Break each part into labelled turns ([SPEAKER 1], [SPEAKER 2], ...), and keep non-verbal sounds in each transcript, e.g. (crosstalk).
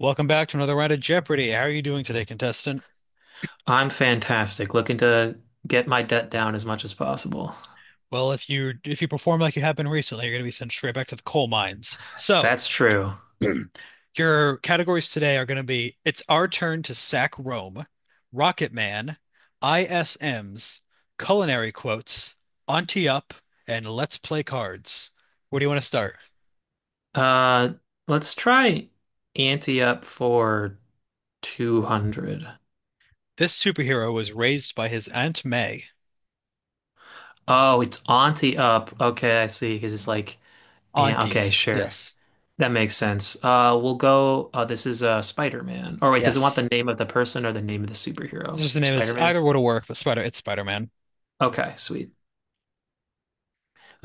[SPEAKER 1] Welcome back to another round of Jeopardy. How are you doing today, contestant?
[SPEAKER 2] I'm fantastic, looking to get my debt down as much as possible.
[SPEAKER 1] Well, if you perform like you have been recently, you're going to be sent straight back to the coal mines. So,
[SPEAKER 2] That's true.
[SPEAKER 1] your categories today are going to be It's Our Turn to Sack Rome, Rocket Man, ISMs, Culinary Quotes, Auntie Up, and Let's Play Cards. Where do you want to start?
[SPEAKER 2] Uh, let's try ante up for 200.
[SPEAKER 1] This superhero was raised by his Aunt May.
[SPEAKER 2] Oh, it's auntie up. Okay, I see. Because it's like, yeah, okay,
[SPEAKER 1] Aunties,
[SPEAKER 2] sure.
[SPEAKER 1] yes.
[SPEAKER 2] That makes sense. We'll go. This is Spider-Man. Or wait, does it want the
[SPEAKER 1] Yes.
[SPEAKER 2] name of the person or the name of the superhero?
[SPEAKER 1] Just the name is
[SPEAKER 2] Spider-Man?
[SPEAKER 1] either would have worked, but Spider, it's Spider-Man.
[SPEAKER 2] Okay, sweet.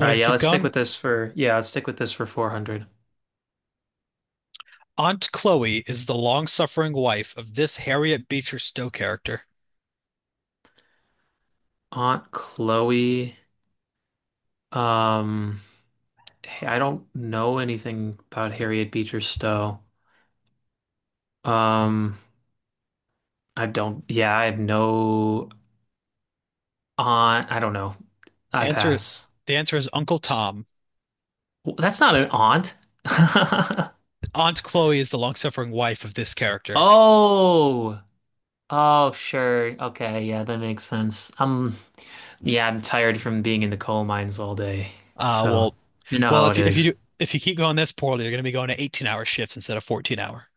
[SPEAKER 2] All right,
[SPEAKER 1] to
[SPEAKER 2] yeah,
[SPEAKER 1] keep going?
[SPEAKER 2] let's stick with this for 400.
[SPEAKER 1] Aunt Chloe is the long-suffering wife of this Harriet Beecher Stowe character.
[SPEAKER 2] Aunt Chloe. Um, Hey, I don't know anything about Harriet Beecher Stowe. Um, I don't, Yeah, I have no aunt. I don't know.
[SPEAKER 1] The
[SPEAKER 2] I
[SPEAKER 1] answer,
[SPEAKER 2] pass.
[SPEAKER 1] the answer is Uncle Tom.
[SPEAKER 2] That's not an aunt. (laughs)
[SPEAKER 1] Aunt Chloe is the long-suffering wife of this character.
[SPEAKER 2] Oh, oh, sure. Okay, yeah, that makes sense. Yeah, I'm tired from being in the coal mines all day.
[SPEAKER 1] Uh,
[SPEAKER 2] So,
[SPEAKER 1] well,
[SPEAKER 2] you know
[SPEAKER 1] well,
[SPEAKER 2] how it is.
[SPEAKER 1] if you keep going this poorly, you're going to be going to 18-hour shifts instead of 14-hour.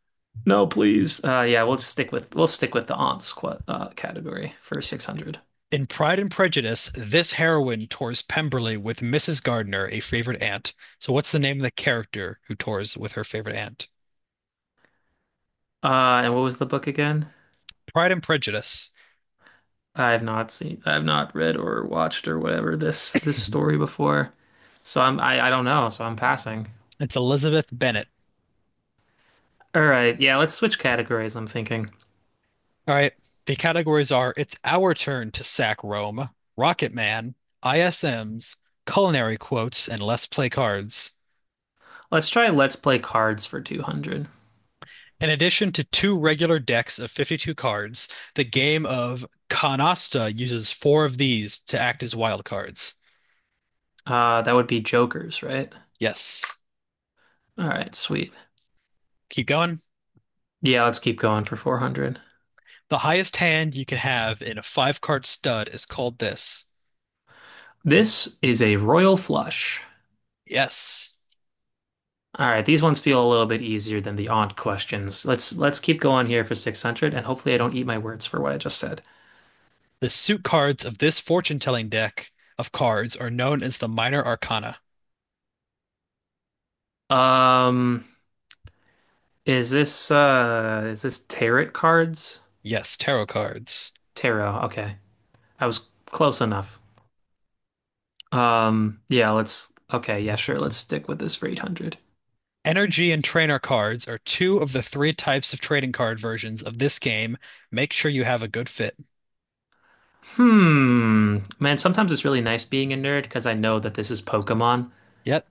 [SPEAKER 2] No, please. Yeah, we'll stick with the aunts qu category for 600.
[SPEAKER 1] In Pride and Prejudice, this heroine tours Pemberley with Mrs. Gardner, a favorite aunt. So, what's the name of the character who tours with her favorite aunt?
[SPEAKER 2] Uh, and what was the book again?
[SPEAKER 1] Pride and Prejudice.
[SPEAKER 2] I have not read or watched or whatever this
[SPEAKER 1] (laughs)
[SPEAKER 2] story before. So I don't know, so I'm passing.
[SPEAKER 1] It's Elizabeth Bennet.
[SPEAKER 2] All right, yeah, let's switch categories, I'm thinking.
[SPEAKER 1] All right. The categories are It's Our Turn to Sack Rome, Rocket Man, ISMs, Culinary Quotes, and Let's Play Cards.
[SPEAKER 2] Let's try Let's Play Cards for 200.
[SPEAKER 1] In addition to two regular decks of 52 cards, the game of Canasta uses four of these to act as wild cards.
[SPEAKER 2] That would be Jokers, right?
[SPEAKER 1] Yes.
[SPEAKER 2] All right, sweet.
[SPEAKER 1] Keep going.
[SPEAKER 2] Yeah, let's keep going for 400.
[SPEAKER 1] The highest hand you can have in a five card stud is called this.
[SPEAKER 2] This is a royal flush.
[SPEAKER 1] Yes.
[SPEAKER 2] All right, these ones feel a little bit easier than the aunt questions. Let's keep going here for 600, and hopefully I don't eat my words for what I just said.
[SPEAKER 1] The suit cards of this fortune telling deck of cards are known as the Minor Arcana.
[SPEAKER 2] Um, is this tarot cards?
[SPEAKER 1] Yes, tarot cards.
[SPEAKER 2] Tarot, okay. I was close enough. Yeah, let's okay, yeah, sure, let's stick with this for 800.
[SPEAKER 1] Energy and trainer cards are two of the three types of trading card versions of this game. Make sure you have a good fit.
[SPEAKER 2] Hmm. Man, sometimes it's really nice being a nerd because I know that this is Pokemon,
[SPEAKER 1] Yep,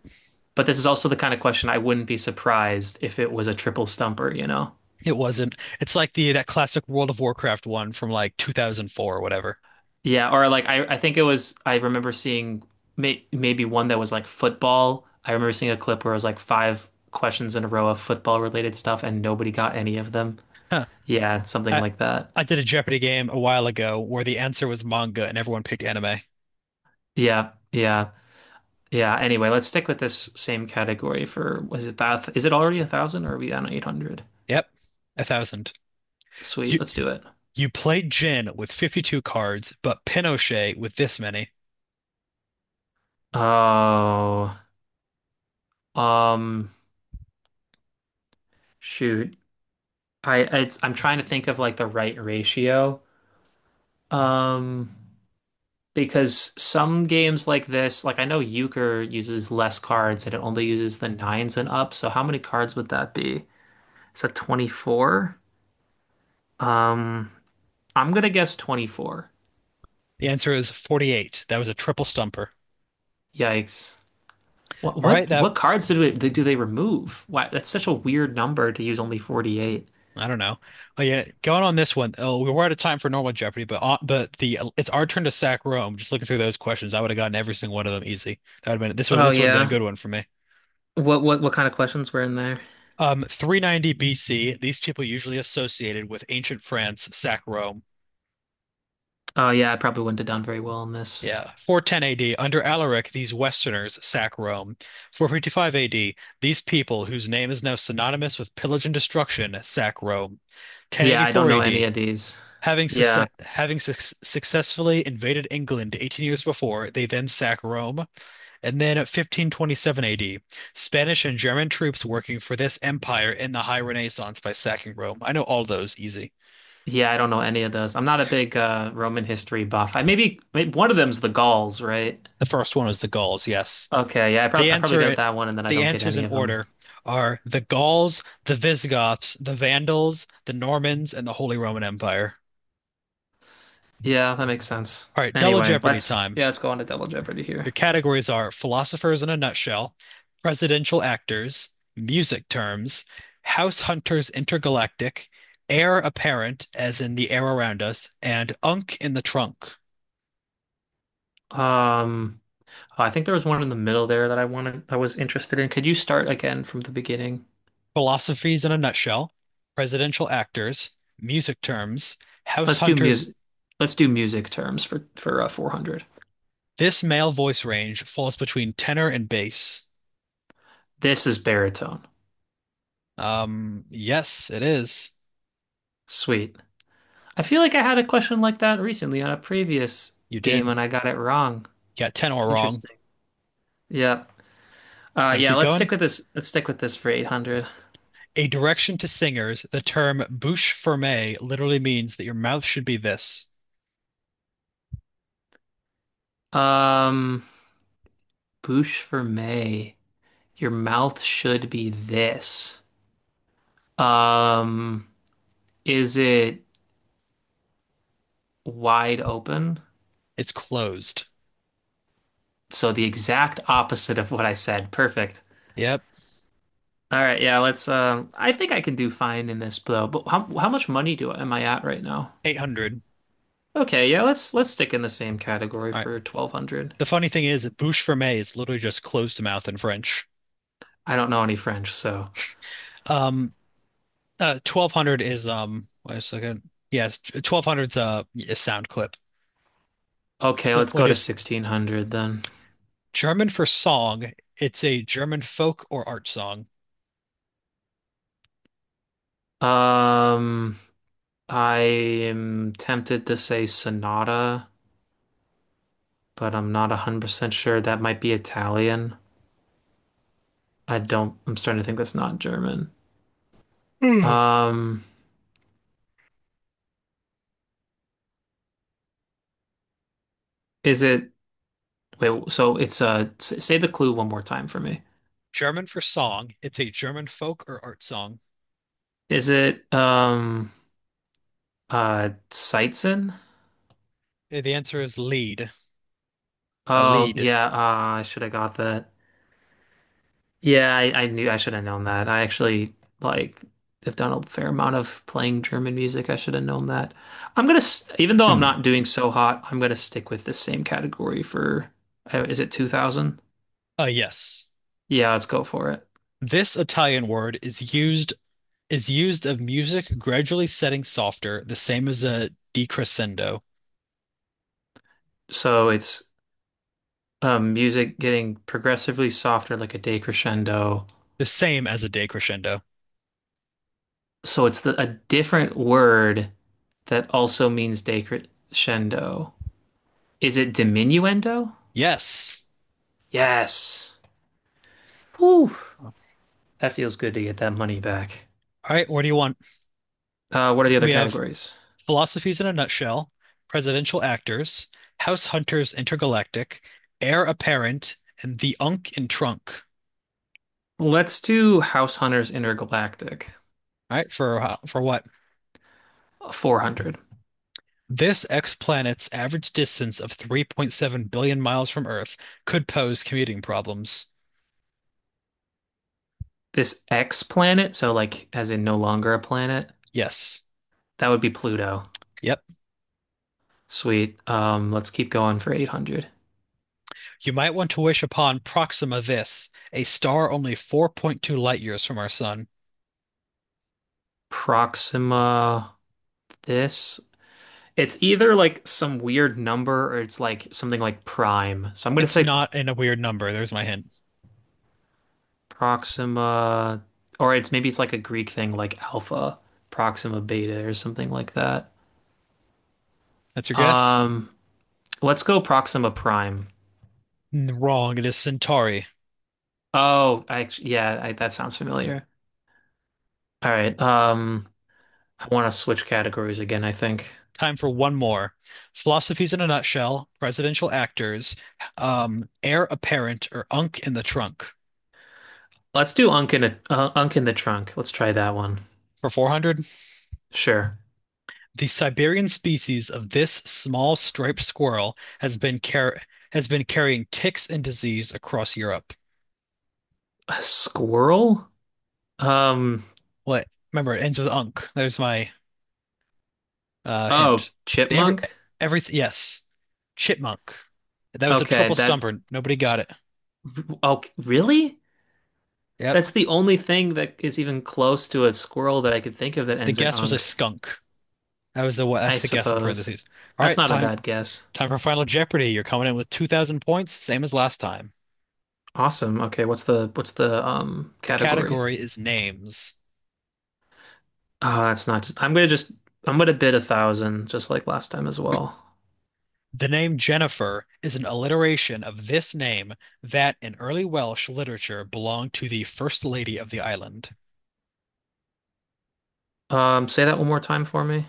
[SPEAKER 2] but this is also the kind of question I wouldn't be surprised if it was a triple stumper.
[SPEAKER 1] it wasn't. It's like the that classic World of Warcraft one from like 2004 or whatever.
[SPEAKER 2] Yeah, or like I think it was I remember seeing maybe one that was like football. I remember seeing a clip where it was like five questions in a row of football related stuff, and nobody got any of them.
[SPEAKER 1] Huh.
[SPEAKER 2] Yeah, something
[SPEAKER 1] I,
[SPEAKER 2] like that.
[SPEAKER 1] I did a Jeopardy game a while ago where the answer was manga and everyone picked anime.
[SPEAKER 2] Yeah, yeah, yeah. Anyway, let's stick with this same category for, was it that is it already 1,000, or are we on 800?
[SPEAKER 1] Yep, 1,000.
[SPEAKER 2] Sweet,
[SPEAKER 1] You
[SPEAKER 2] let's do it.
[SPEAKER 1] you played Jin with 52 cards, but Pinochet with this many.
[SPEAKER 2] Oh, um, shoot. I'm trying to think of like the right ratio. Um, because some games like this, like I know Euchre uses less cards and it only uses the nines and up. So how many cards would that be? Is that 24? Um, I'm gonna guess 24.
[SPEAKER 1] The answer is 48. That was a triple stumper.
[SPEAKER 2] Yikes. What
[SPEAKER 1] All right,
[SPEAKER 2] what
[SPEAKER 1] that
[SPEAKER 2] what cards do they remove? Why that's such a weird number, to use only 48.
[SPEAKER 1] I don't know. Oh yeah, going on this one. Oh, we were out of time for normal Jeopardy, but the it's our turn to sack Rome. Just looking through those questions, I would have gotten every single one of them easy. That would have been this would
[SPEAKER 2] Oh,
[SPEAKER 1] this would have been a
[SPEAKER 2] yeah.
[SPEAKER 1] good one for me.
[SPEAKER 2] What kind of questions were in there?
[SPEAKER 1] 390 BC. These people usually associated with ancient France sack Rome.
[SPEAKER 2] Oh, yeah, I probably wouldn't have done very well in this.
[SPEAKER 1] Yeah, 410 AD under Alaric, these Westerners sack Rome. 455 AD, these people whose name is now synonymous with pillage and destruction sack Rome.
[SPEAKER 2] Yeah, I don't
[SPEAKER 1] 1084
[SPEAKER 2] know any
[SPEAKER 1] AD,
[SPEAKER 2] of these.
[SPEAKER 1] Having, succe-
[SPEAKER 2] Yeah.
[SPEAKER 1] having suc successfully invaded England 18 years before, they then sack Rome, and then at 1527 AD, Spanish and German troops working for this empire in the High Renaissance by sacking Rome. I know all those easy.
[SPEAKER 2] Yeah, I don't know any of those. I'm not a big Roman history buff. Maybe one of them's the Gauls, right?
[SPEAKER 1] The first one was the Gauls, yes.
[SPEAKER 2] Okay, yeah, I
[SPEAKER 1] The
[SPEAKER 2] probably I probably got
[SPEAKER 1] answer,
[SPEAKER 2] that one, and then I
[SPEAKER 1] the
[SPEAKER 2] don't get
[SPEAKER 1] answers
[SPEAKER 2] any
[SPEAKER 1] in
[SPEAKER 2] of them.
[SPEAKER 1] order are the Gauls, the Visigoths, the Vandals, the Normans, and the Holy Roman Empire.
[SPEAKER 2] Yeah, that makes sense.
[SPEAKER 1] All right, double
[SPEAKER 2] Anyway,
[SPEAKER 1] Jeopardy
[SPEAKER 2] let's
[SPEAKER 1] time.
[SPEAKER 2] yeah, let's go on to Double Jeopardy here.
[SPEAKER 1] Your categories are philosophers in a nutshell, presidential actors, music terms, house hunters intergalactic, heir apparent, as in the air around us, and unk in the trunk.
[SPEAKER 2] Um I think there was one in the middle there that I wanted, I was interested in. Could you start again from the beginning?
[SPEAKER 1] Philosophies in a nutshell, presidential actors, music terms, house
[SPEAKER 2] Let's do
[SPEAKER 1] hunters.
[SPEAKER 2] music. Let's do music terms for 400.
[SPEAKER 1] This male voice range falls between tenor and bass.
[SPEAKER 2] This is baritone.
[SPEAKER 1] Yes, it is.
[SPEAKER 2] Sweet. I feel like I had a question like that recently on a previous
[SPEAKER 1] You
[SPEAKER 2] game,
[SPEAKER 1] did.
[SPEAKER 2] and I got it wrong.
[SPEAKER 1] Got tenor wrong.
[SPEAKER 2] Interesting. Yeah.
[SPEAKER 1] Gonna
[SPEAKER 2] Yeah,
[SPEAKER 1] keep
[SPEAKER 2] let's
[SPEAKER 1] going?
[SPEAKER 2] stick with this. Let's stick with this for 800.
[SPEAKER 1] A direction to singers, the term bouche fermée literally means that your mouth should be this.
[SPEAKER 2] Um, bouche for May. Your mouth should be this. Um, is it wide open?
[SPEAKER 1] It's closed.
[SPEAKER 2] So the exact opposite of what I said. Perfect.
[SPEAKER 1] Yep.
[SPEAKER 2] All right, yeah, let's I think I can do fine in this, though. But how much money do am I at right now?
[SPEAKER 1] 800.
[SPEAKER 2] Okay, yeah, let's stick in the same category
[SPEAKER 1] All right.
[SPEAKER 2] for 1200.
[SPEAKER 1] The funny thing is, bouche fermée is literally just closed mouth in French.
[SPEAKER 2] I don't know any French, so
[SPEAKER 1] Um, 1200 is, wait a second. Yes, 1200's a sound clip.
[SPEAKER 2] okay,
[SPEAKER 1] So
[SPEAKER 2] let's
[SPEAKER 1] when
[SPEAKER 2] go to
[SPEAKER 1] it's
[SPEAKER 2] 1600 then.
[SPEAKER 1] German for song? It's a German folk or art song.
[SPEAKER 2] Um I am tempted to say Sonata, but I'm not 100% sure. That might be Italian. I don't I'm starting to think that's not German.
[SPEAKER 1] Hmm.
[SPEAKER 2] Um is it Wait, so it's say the clue one more time for me.
[SPEAKER 1] German for song. It's a German folk or art song.
[SPEAKER 2] Is it Sightson?
[SPEAKER 1] The answer is lead. A
[SPEAKER 2] Oh,
[SPEAKER 1] lead.
[SPEAKER 2] yeah, I should have got that. Yeah, I knew I should have known that. I actually like have done a fair amount of playing German music. I should have known that. Even though I'm
[SPEAKER 1] Mm.
[SPEAKER 2] not doing so hot, I'm gonna stick with the same category for, is it 2000?
[SPEAKER 1] Yes.
[SPEAKER 2] Yeah, let's go for it.
[SPEAKER 1] This Italian word is used of music gradually setting softer, the same as a decrescendo.
[SPEAKER 2] So it's music getting progressively softer, like a decrescendo.
[SPEAKER 1] The same as a decrescendo.
[SPEAKER 2] So it's a different word that also means decrescendo. Is it diminuendo?
[SPEAKER 1] Yes.
[SPEAKER 2] Yes. Whew.
[SPEAKER 1] All
[SPEAKER 2] That feels good to get that money back.
[SPEAKER 1] right, what do you want?
[SPEAKER 2] What are the other
[SPEAKER 1] We have
[SPEAKER 2] categories?
[SPEAKER 1] philosophies in a nutshell, presidential actors, house hunters intergalactic, heir apparent, and the unk in trunk.
[SPEAKER 2] Let's do House Hunters Intergalactic,
[SPEAKER 1] All right, for what?
[SPEAKER 2] 400.
[SPEAKER 1] This ex planet's average distance of 3.7 billion miles from Earth could pose commuting problems.
[SPEAKER 2] This X planet, so like as in no longer a planet,
[SPEAKER 1] Yes.
[SPEAKER 2] that would be Pluto.
[SPEAKER 1] Yep.
[SPEAKER 2] Sweet. Let's keep going for 800.
[SPEAKER 1] You might want to wish upon Proxima Vis, a star only 4.2 light years from our sun.
[SPEAKER 2] Proxima. This It's either like some weird number, or it's like something like prime. So I'm gonna
[SPEAKER 1] It's
[SPEAKER 2] say
[SPEAKER 1] not in a weird number. There's my hint.
[SPEAKER 2] Proxima, or it's maybe it's like a Greek thing like alpha, Proxima beta, or something like that.
[SPEAKER 1] That's your guess?
[SPEAKER 2] Um, let's go Proxima prime.
[SPEAKER 1] Wrong. It is Centauri.
[SPEAKER 2] Oh, yeah, that sounds familiar. All right. I want to switch categories again, I think.
[SPEAKER 1] Time for one more. Philosophies in a nutshell, presidential actors, heir apparent or unk in the trunk.
[SPEAKER 2] Let's do Unk in the trunk. Let's try that one.
[SPEAKER 1] For 400,
[SPEAKER 2] Sure.
[SPEAKER 1] the Siberian species of this small striped squirrel has been car has been carrying ticks and disease across Europe.
[SPEAKER 2] A squirrel? Um,
[SPEAKER 1] What? Remember, it ends with unk. There's my
[SPEAKER 2] oh,
[SPEAKER 1] hint. The every
[SPEAKER 2] chipmunk?
[SPEAKER 1] everything. Yes, chipmunk. That was a
[SPEAKER 2] Okay,
[SPEAKER 1] triple
[SPEAKER 2] that
[SPEAKER 1] stumper. Nobody got it.
[SPEAKER 2] oh, really?
[SPEAKER 1] Yep.
[SPEAKER 2] That's the only thing that is even close to a squirrel that I could think of that
[SPEAKER 1] The
[SPEAKER 2] ends in
[SPEAKER 1] guess was a
[SPEAKER 2] unk,
[SPEAKER 1] skunk. That was the what?
[SPEAKER 2] I
[SPEAKER 1] That's the guess in
[SPEAKER 2] suppose.
[SPEAKER 1] parentheses. All
[SPEAKER 2] That's
[SPEAKER 1] right,
[SPEAKER 2] not a
[SPEAKER 1] time
[SPEAKER 2] bad guess.
[SPEAKER 1] time for Final Jeopardy. You're coming in with 2,000 points, same as last time.
[SPEAKER 2] Awesome. Okay, what's the
[SPEAKER 1] The
[SPEAKER 2] category?
[SPEAKER 1] category is names.
[SPEAKER 2] That's not just, I'm gonna bid 1,000, just like last time as well.
[SPEAKER 1] The name Jennifer is an alliteration of this name that in early Welsh literature belonged to the First Lady of the island.
[SPEAKER 2] Say that one more time for me.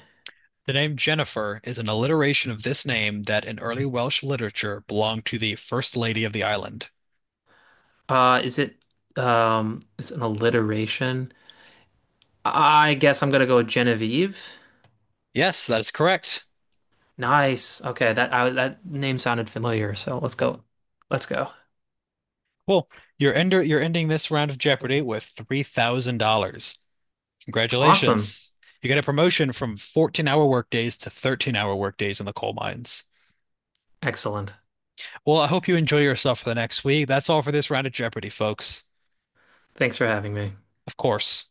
[SPEAKER 1] The name Jennifer is an alliteration of this name that in early Welsh literature belonged to the First Lady of the island.
[SPEAKER 2] Uh is it is it an alliteration? I guess I'm gonna go with Genevieve.
[SPEAKER 1] Yes, that is correct.
[SPEAKER 2] Nice. Okay, that name sounded familiar, so let's go. Let's go.
[SPEAKER 1] Cool. You're ending this round of Jeopardy with $3,000.
[SPEAKER 2] Awesome.
[SPEAKER 1] Congratulations. You get a promotion from 14-hour workdays to 13-hour workdays in the coal mines.
[SPEAKER 2] Excellent.
[SPEAKER 1] Well, I hope you enjoy yourself for the next week. That's all for this round of Jeopardy, folks.
[SPEAKER 2] Thanks for having me.
[SPEAKER 1] Of course.